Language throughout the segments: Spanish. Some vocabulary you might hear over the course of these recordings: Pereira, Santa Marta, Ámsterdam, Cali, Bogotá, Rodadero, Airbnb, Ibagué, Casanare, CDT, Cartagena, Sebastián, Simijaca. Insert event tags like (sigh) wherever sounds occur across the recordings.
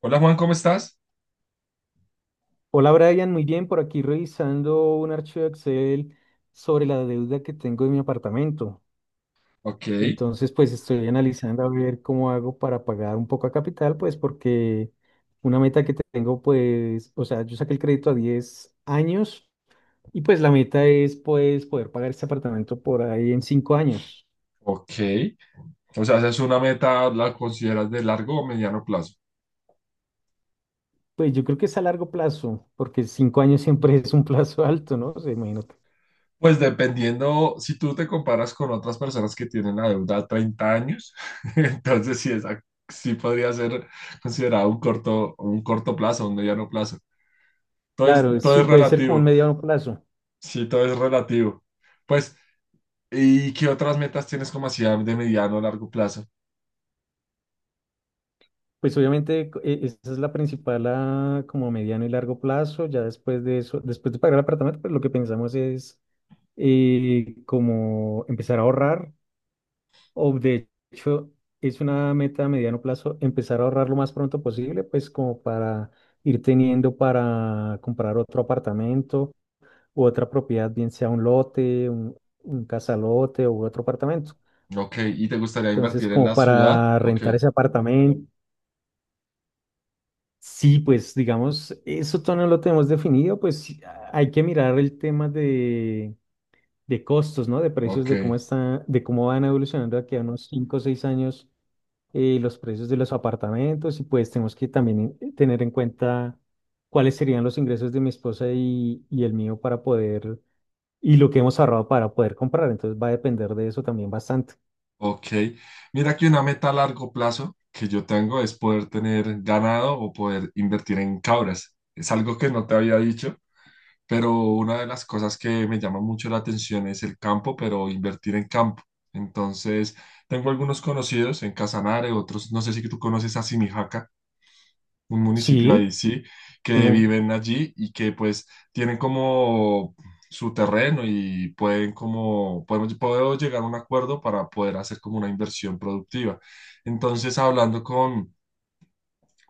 Hola Juan, ¿cómo estás? Hola Brian, muy bien, por aquí revisando un archivo de Excel sobre la deuda que tengo de mi apartamento. Ok, Entonces, pues estoy analizando a ver cómo hago para pagar un poco a capital, pues porque una meta que tengo, pues, o sea, yo saqué el crédito a 10 años y pues la meta es, pues, poder pagar este apartamento por ahí en 5 años. ok. O sea, ¿esa es una meta, la consideras de largo o mediano plazo? Pues yo creo que es a largo plazo, porque 5 años siempre es un plazo alto, ¿no? O sea, imagínate. Pues dependiendo, si tú te comparas con otras personas que tienen la deuda a 30 años, (laughs) entonces sí, esa, sí podría ser considerado un corto plazo, un mediano plazo. Todo es, Claro, todo sí, es puede ser como un relativo, mediano plazo. sí, todo es relativo. Pues, ¿y qué otras metas tienes como así de mediano o largo plazo? Pues obviamente esa es la principal a como mediano y largo plazo. Ya después de eso, después de pagar el apartamento, pues lo que pensamos es como empezar a ahorrar. O de hecho, es una meta a mediano plazo empezar a ahorrar lo más pronto posible, pues como para ir teniendo para comprar otro apartamento u otra propiedad, bien sea un lote, un casalote u otro apartamento. Ok, ¿y te gustaría Entonces, invertir en como la ciudad? para Ok, rentar ese apartamento. Sí, pues digamos, eso todavía no lo tenemos definido, pues sí, hay que mirar el tema de costos, ¿no? De precios, ok. de cómo está, de cómo van evolucionando aquí a unos 5 o 6 años los precios de los apartamentos y pues tenemos que también tener en cuenta cuáles serían los ingresos de mi esposa y el mío para poder, y lo que hemos ahorrado para poder comprar, entonces va a depender de eso también bastante. Ok, mira que una meta a largo plazo que yo tengo es poder tener ganado o poder invertir en cabras. Es algo que no te había dicho, pero una de las cosas que me llama mucho la atención es el campo, pero invertir en campo. Entonces, tengo algunos conocidos en Casanare, otros, no sé si tú conoces a Simijaca, un municipio ahí, Sí, sí, que tengo. viven allí y que pues tienen como su terreno y pueden como, puedo llegar a un acuerdo para poder hacer como una inversión productiva. Entonces, hablando con,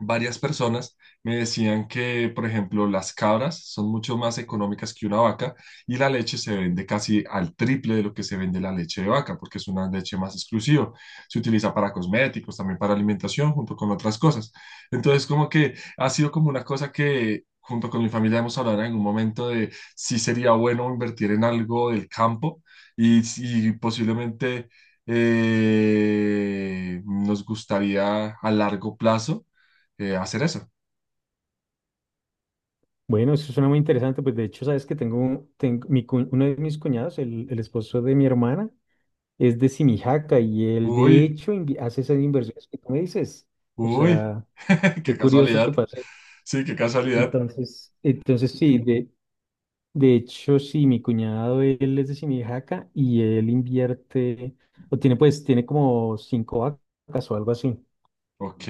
varias personas me decían que, por ejemplo, las cabras son mucho más económicas que una vaca y la leche se vende casi al triple de lo que se vende la leche de vaca, porque es una leche más exclusiva. Se utiliza para cosméticos, también para alimentación, junto con otras cosas. Entonces, como que ha sido como una cosa. Junto con mi familia hemos hablado en algún momento de si sería bueno invertir en algo del campo y si posiblemente nos gustaría a largo plazo hacer eso. Bueno, eso suena muy interesante. Pues de hecho, sabes que tengo mi, uno de mis cuñados, el esposo de mi hermana, es de Simijaca y él de Uy, hecho hace esas inversiones que tú me dices. O uy, sea, (laughs) qué qué curioso que casualidad. pase eso. Sí, qué casualidad. Entonces, sí, de hecho, sí, mi cuñado, él es de Simijaca y él invierte, o tiene pues, tiene como cinco vacas o algo así. Ok,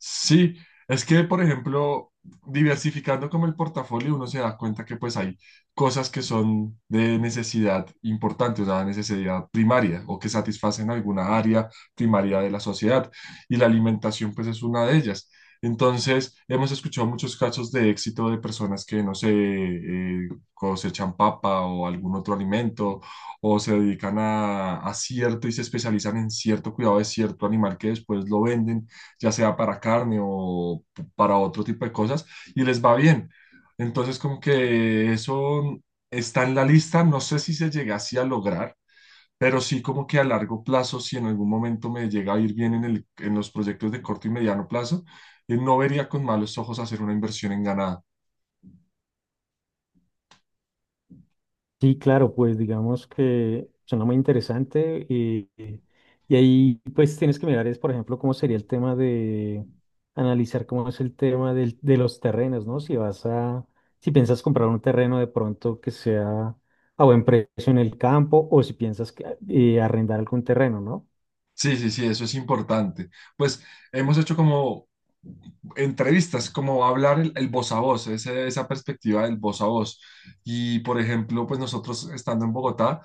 sí, es que por ejemplo, diversificando como el portafolio, uno se da cuenta que pues hay cosas que son de necesidad importante, o sea, necesidad primaria o que satisfacen alguna área primaria de la sociedad y la alimentación pues es una de ellas. Entonces, hemos escuchado muchos casos de éxito de personas que, no sé, cosechan papa o algún otro alimento o se dedican a cierto y se especializan en cierto cuidado de cierto animal que después lo venden ya sea para carne o para otro tipo de cosas, y les va bien. Entonces, como que eso está en la lista, no sé si se llegase a lograr, pero sí como que a largo plazo, si en algún momento me llega a ir bien en en los proyectos de corto y mediano plazo, no vería con malos ojos hacer una inversión en ganado. Sí, claro, pues digamos que suena muy interesante y ahí pues tienes que mirar es, por ejemplo, cómo sería el tema de analizar cómo es el tema de los terrenos, ¿no? Si piensas comprar un terreno de pronto que sea a buen precio en el campo o si piensas que, arrendar algún terreno, ¿no? Sí, sí, sí, eso es importante. Pues hemos hecho como entrevistas, como hablar el voz a voz, esa perspectiva del voz a voz. Y por ejemplo, pues nosotros estando en Bogotá,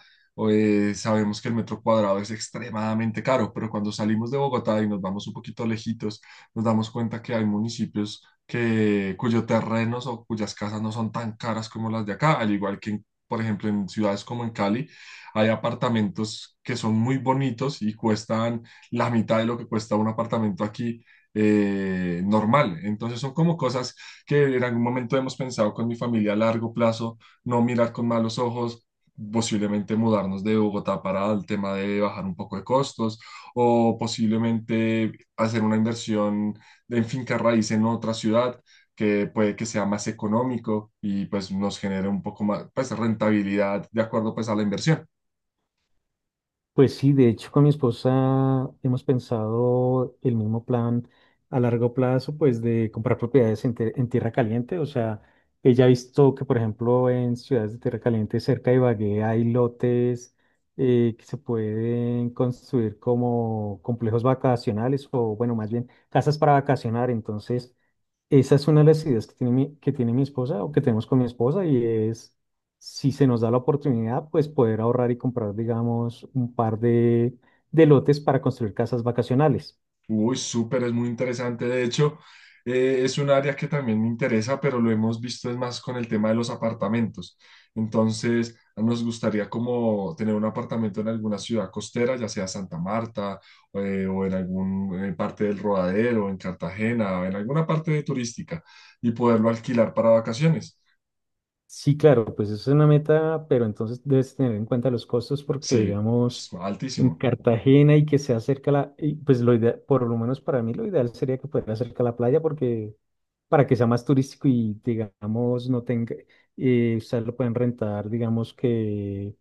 sabemos que el metro cuadrado es extremadamente caro, pero cuando salimos de Bogotá y nos vamos un poquito lejitos, nos damos cuenta que hay municipios que, cuyos terrenos o cuyas casas no son tan caras como las de acá, al igual que, por ejemplo, en ciudades como en Cali hay apartamentos que son muy bonitos y cuestan la mitad de lo que cuesta un apartamento aquí normal. Entonces son como cosas que en algún momento hemos pensado con mi familia a largo plazo, no mirar con malos ojos, posiblemente mudarnos de Bogotá para el tema de bajar un poco de costos o posiblemente hacer una inversión en finca raíz en otra ciudad que puede que sea más económico y pues nos genere un poco más pues rentabilidad de acuerdo pues a la inversión. Pues sí, de hecho con mi esposa hemos pensado el mismo plan a largo plazo, pues de comprar propiedades en, en tierra caliente. O sea, ella ha visto que, por ejemplo, en ciudades de tierra caliente cerca de Ibagué hay lotes que se pueden construir como complejos vacacionales o, bueno, más bien casas para vacacionar. Entonces, esa es una de las ideas que que tiene mi esposa o que tenemos con mi esposa y es, si se nos da la oportunidad, pues poder ahorrar y comprar, digamos, un par de lotes para construir casas vacacionales. Uy, súper, es muy interesante. De hecho, es un área que también me interesa, pero lo hemos visto es más con el tema de los apartamentos. Entonces, nos gustaría como tener un apartamento en alguna ciudad costera, ya sea Santa Marta, o en alguna parte del Rodadero, en Cartagena, o en alguna parte turística, y poderlo alquilar para vacaciones. Sí, claro, pues eso es una meta, pero entonces debes tener en cuenta los costos porque, Sí, es digamos, en altísimo. Cartagena y que sea cerca pues lo ideal, por lo menos para mí lo ideal sería que fuera cerca a la playa porque para que sea más turístico y, digamos, no tenga, ustedes lo pueden rentar, digamos que.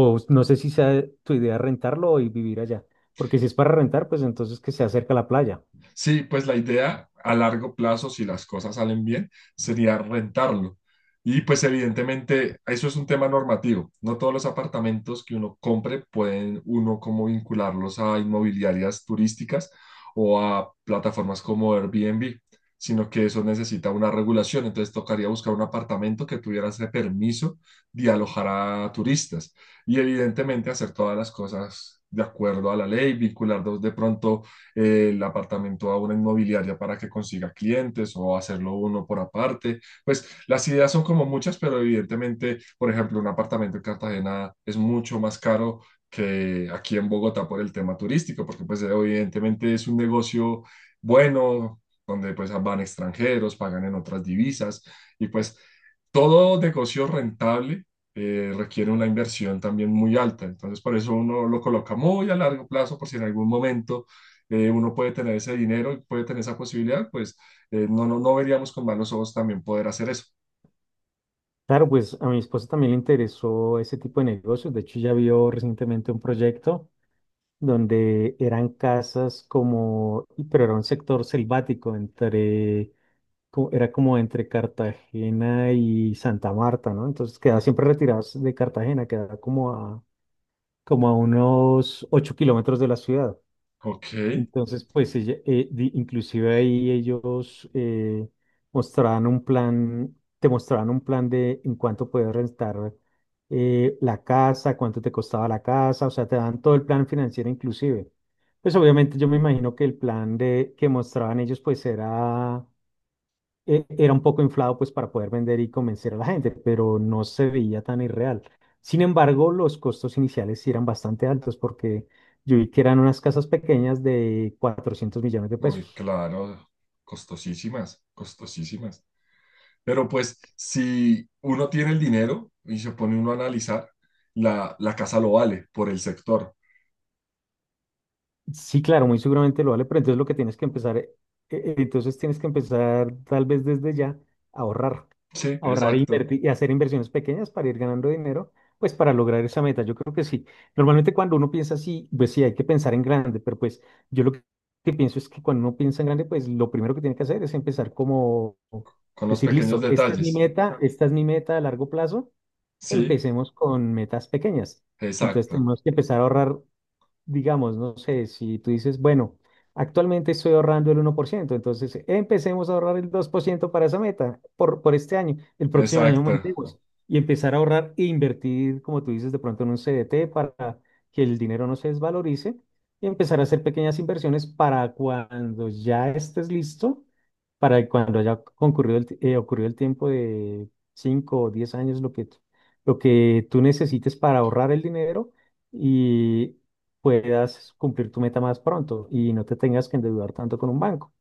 O no sé si sea tu idea rentarlo y vivir allá, porque si es para rentar, pues entonces que se acerca a la playa. Sí, pues la idea a largo plazo, si las cosas salen bien, sería rentarlo. Y pues evidentemente eso es un tema normativo. No todos los apartamentos que uno compre pueden uno como vincularlos a inmobiliarias turísticas o a plataformas como Airbnb, sino que eso necesita una regulación. Entonces tocaría buscar un apartamento que tuviera ese permiso de alojar a turistas y evidentemente hacer todas las cosas de acuerdo a la ley, vincular de pronto el apartamento a una inmobiliaria para que consiga clientes o hacerlo uno por aparte. Pues las ideas son como muchas, pero evidentemente, por ejemplo, un apartamento en Cartagena es mucho más caro que aquí en Bogotá por el tema turístico, porque pues evidentemente es un negocio bueno, donde pues van extranjeros, pagan en otras divisas y pues todo negocio rentable requiere una inversión también muy alta. Entonces, por eso uno lo coloca muy a largo plazo, por si en algún momento uno puede tener ese dinero y puede tener esa posibilidad, pues no, no, no veríamos con malos ojos también poder hacer eso. Claro, pues a mi esposa también le interesó ese tipo de negocios. De hecho, ya vio recientemente un proyecto donde eran casas como, pero era un sector selvático entre, era como entre Cartagena y Santa Marta, ¿no? Entonces quedaba Mm. siempre retirados de Cartagena, quedaba como a unos 8 kilómetros de la ciudad. Ok. Entonces, pues ella, inclusive ahí ellos mostraban un plan, te mostraban un plan de en cuánto puedes rentar la casa, cuánto te costaba la casa, o sea, te dan todo el plan financiero inclusive. Pues obviamente yo me imagino que el plan que mostraban ellos pues era era un poco inflado pues para poder vender y convencer a la gente, pero no se veía tan irreal. Sin embargo, los costos iniciales sí eran bastante altos porque yo vi que eran unas casas pequeñas de 400 millones de Uy, pesos. claro, costosísimas, costosísimas. Pero pues si uno tiene el dinero y se pone uno a analizar, la casa lo vale por el sector. Sí, claro, muy seguramente lo vale, pero entonces lo que tienes que empezar, entonces tienes que empezar tal vez desde ya a ahorrar, Sí, ahorrar e exacto, invertir y hacer inversiones pequeñas para ir ganando dinero, pues para lograr esa meta. Yo creo que sí. Normalmente cuando uno piensa así, pues sí, hay que pensar en grande, pero pues yo lo que pienso es que cuando uno piensa en grande, pues lo primero que tiene que hacer es empezar como con los decir, pequeños listo, esta es mi detalles. meta, esta es mi meta a largo plazo, Sí, empecemos con metas pequeñas. Entonces exacto, tenemos que empezar a ahorrar, digamos, no sé, si tú dices, bueno, actualmente estoy ahorrando el 1%, entonces empecemos a ahorrar el 2% para esa meta por este año, el próximo año exacto. aumentemos y empezar a ahorrar e invertir, como tú dices, de pronto en un CDT para que el dinero no se desvalorice y empezar a hacer pequeñas inversiones para cuando ya estés listo, para cuando haya concurrido el, ocurrido el tiempo de 5 o 10 años, lo lo que tú necesites para ahorrar el dinero, puedas cumplir tu meta más pronto y no te tengas que endeudar tanto con un banco.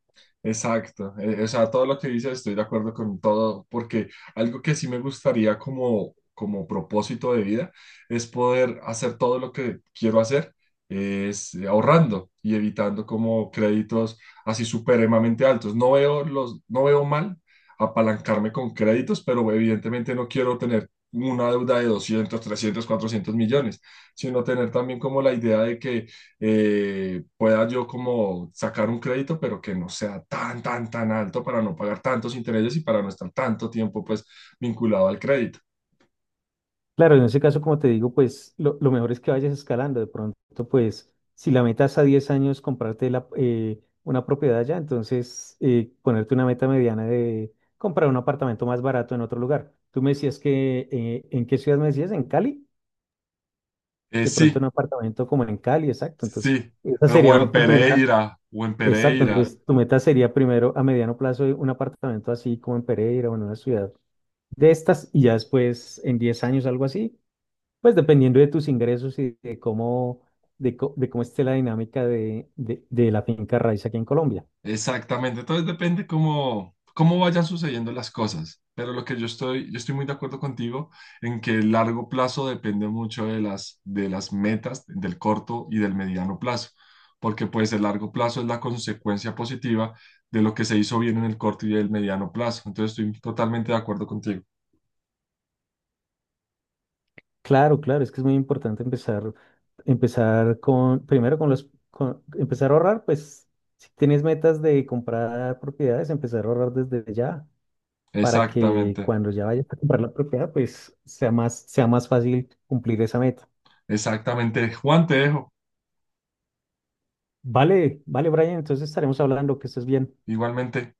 Exacto, o sea, todo lo que dices estoy de acuerdo con todo, porque algo que sí me gustaría como, como propósito de vida es poder hacer todo lo que quiero hacer, es ahorrando y evitando como créditos así supremamente altos. No veo mal apalancarme con créditos, pero evidentemente no quiero tener una deuda de 200, 300, 400 millones, sino tener también como la idea de que pueda yo como sacar un crédito, pero que no sea tan, tan, tan alto para no pagar tantos intereses y para no estar tanto tiempo pues vinculado al crédito. Claro, en ese caso, como te digo, pues lo mejor es que vayas escalando. De pronto, pues si la meta es a 10 años comprarte la, una propiedad ya, entonces ponerte una meta mediana de comprar un apartamento más barato en otro lugar. Tú me decías que, ¿en qué ciudad me decías? ¿En Cali? De pronto Sí, un apartamento como en Cali, exacto. Entonces, sí, esa o en sería tu primera, Pereira, o en exacto. Pereira. Entonces, tu meta sería primero a mediano plazo un apartamento así como en Pereira o en una ciudad de estas y ya después en 10 años, algo así, pues dependiendo de tus ingresos y de cómo, de cómo esté la dinámica de la finca raíz aquí en Colombia. Exactamente, entonces depende cómo vayan sucediendo las cosas, pero lo que yo estoy muy de acuerdo contigo en que el largo plazo depende mucho de de las metas, del corto y del mediano plazo, porque pues el largo plazo es la consecuencia positiva de lo que se hizo bien en el corto y el mediano plazo, entonces estoy totalmente de acuerdo contigo. Claro, claro, es que es muy importante empezar, empezar con, primero con empezar a ahorrar, pues si tienes metas de comprar propiedades, empezar a ahorrar desde ya, para que Exactamente, cuando ya vayas a comprar la propiedad, pues sea más fácil cumplir esa meta. exactamente. Juan, te dejo, Vale, vale, Brian, entonces estaremos hablando, que estés bien. igualmente.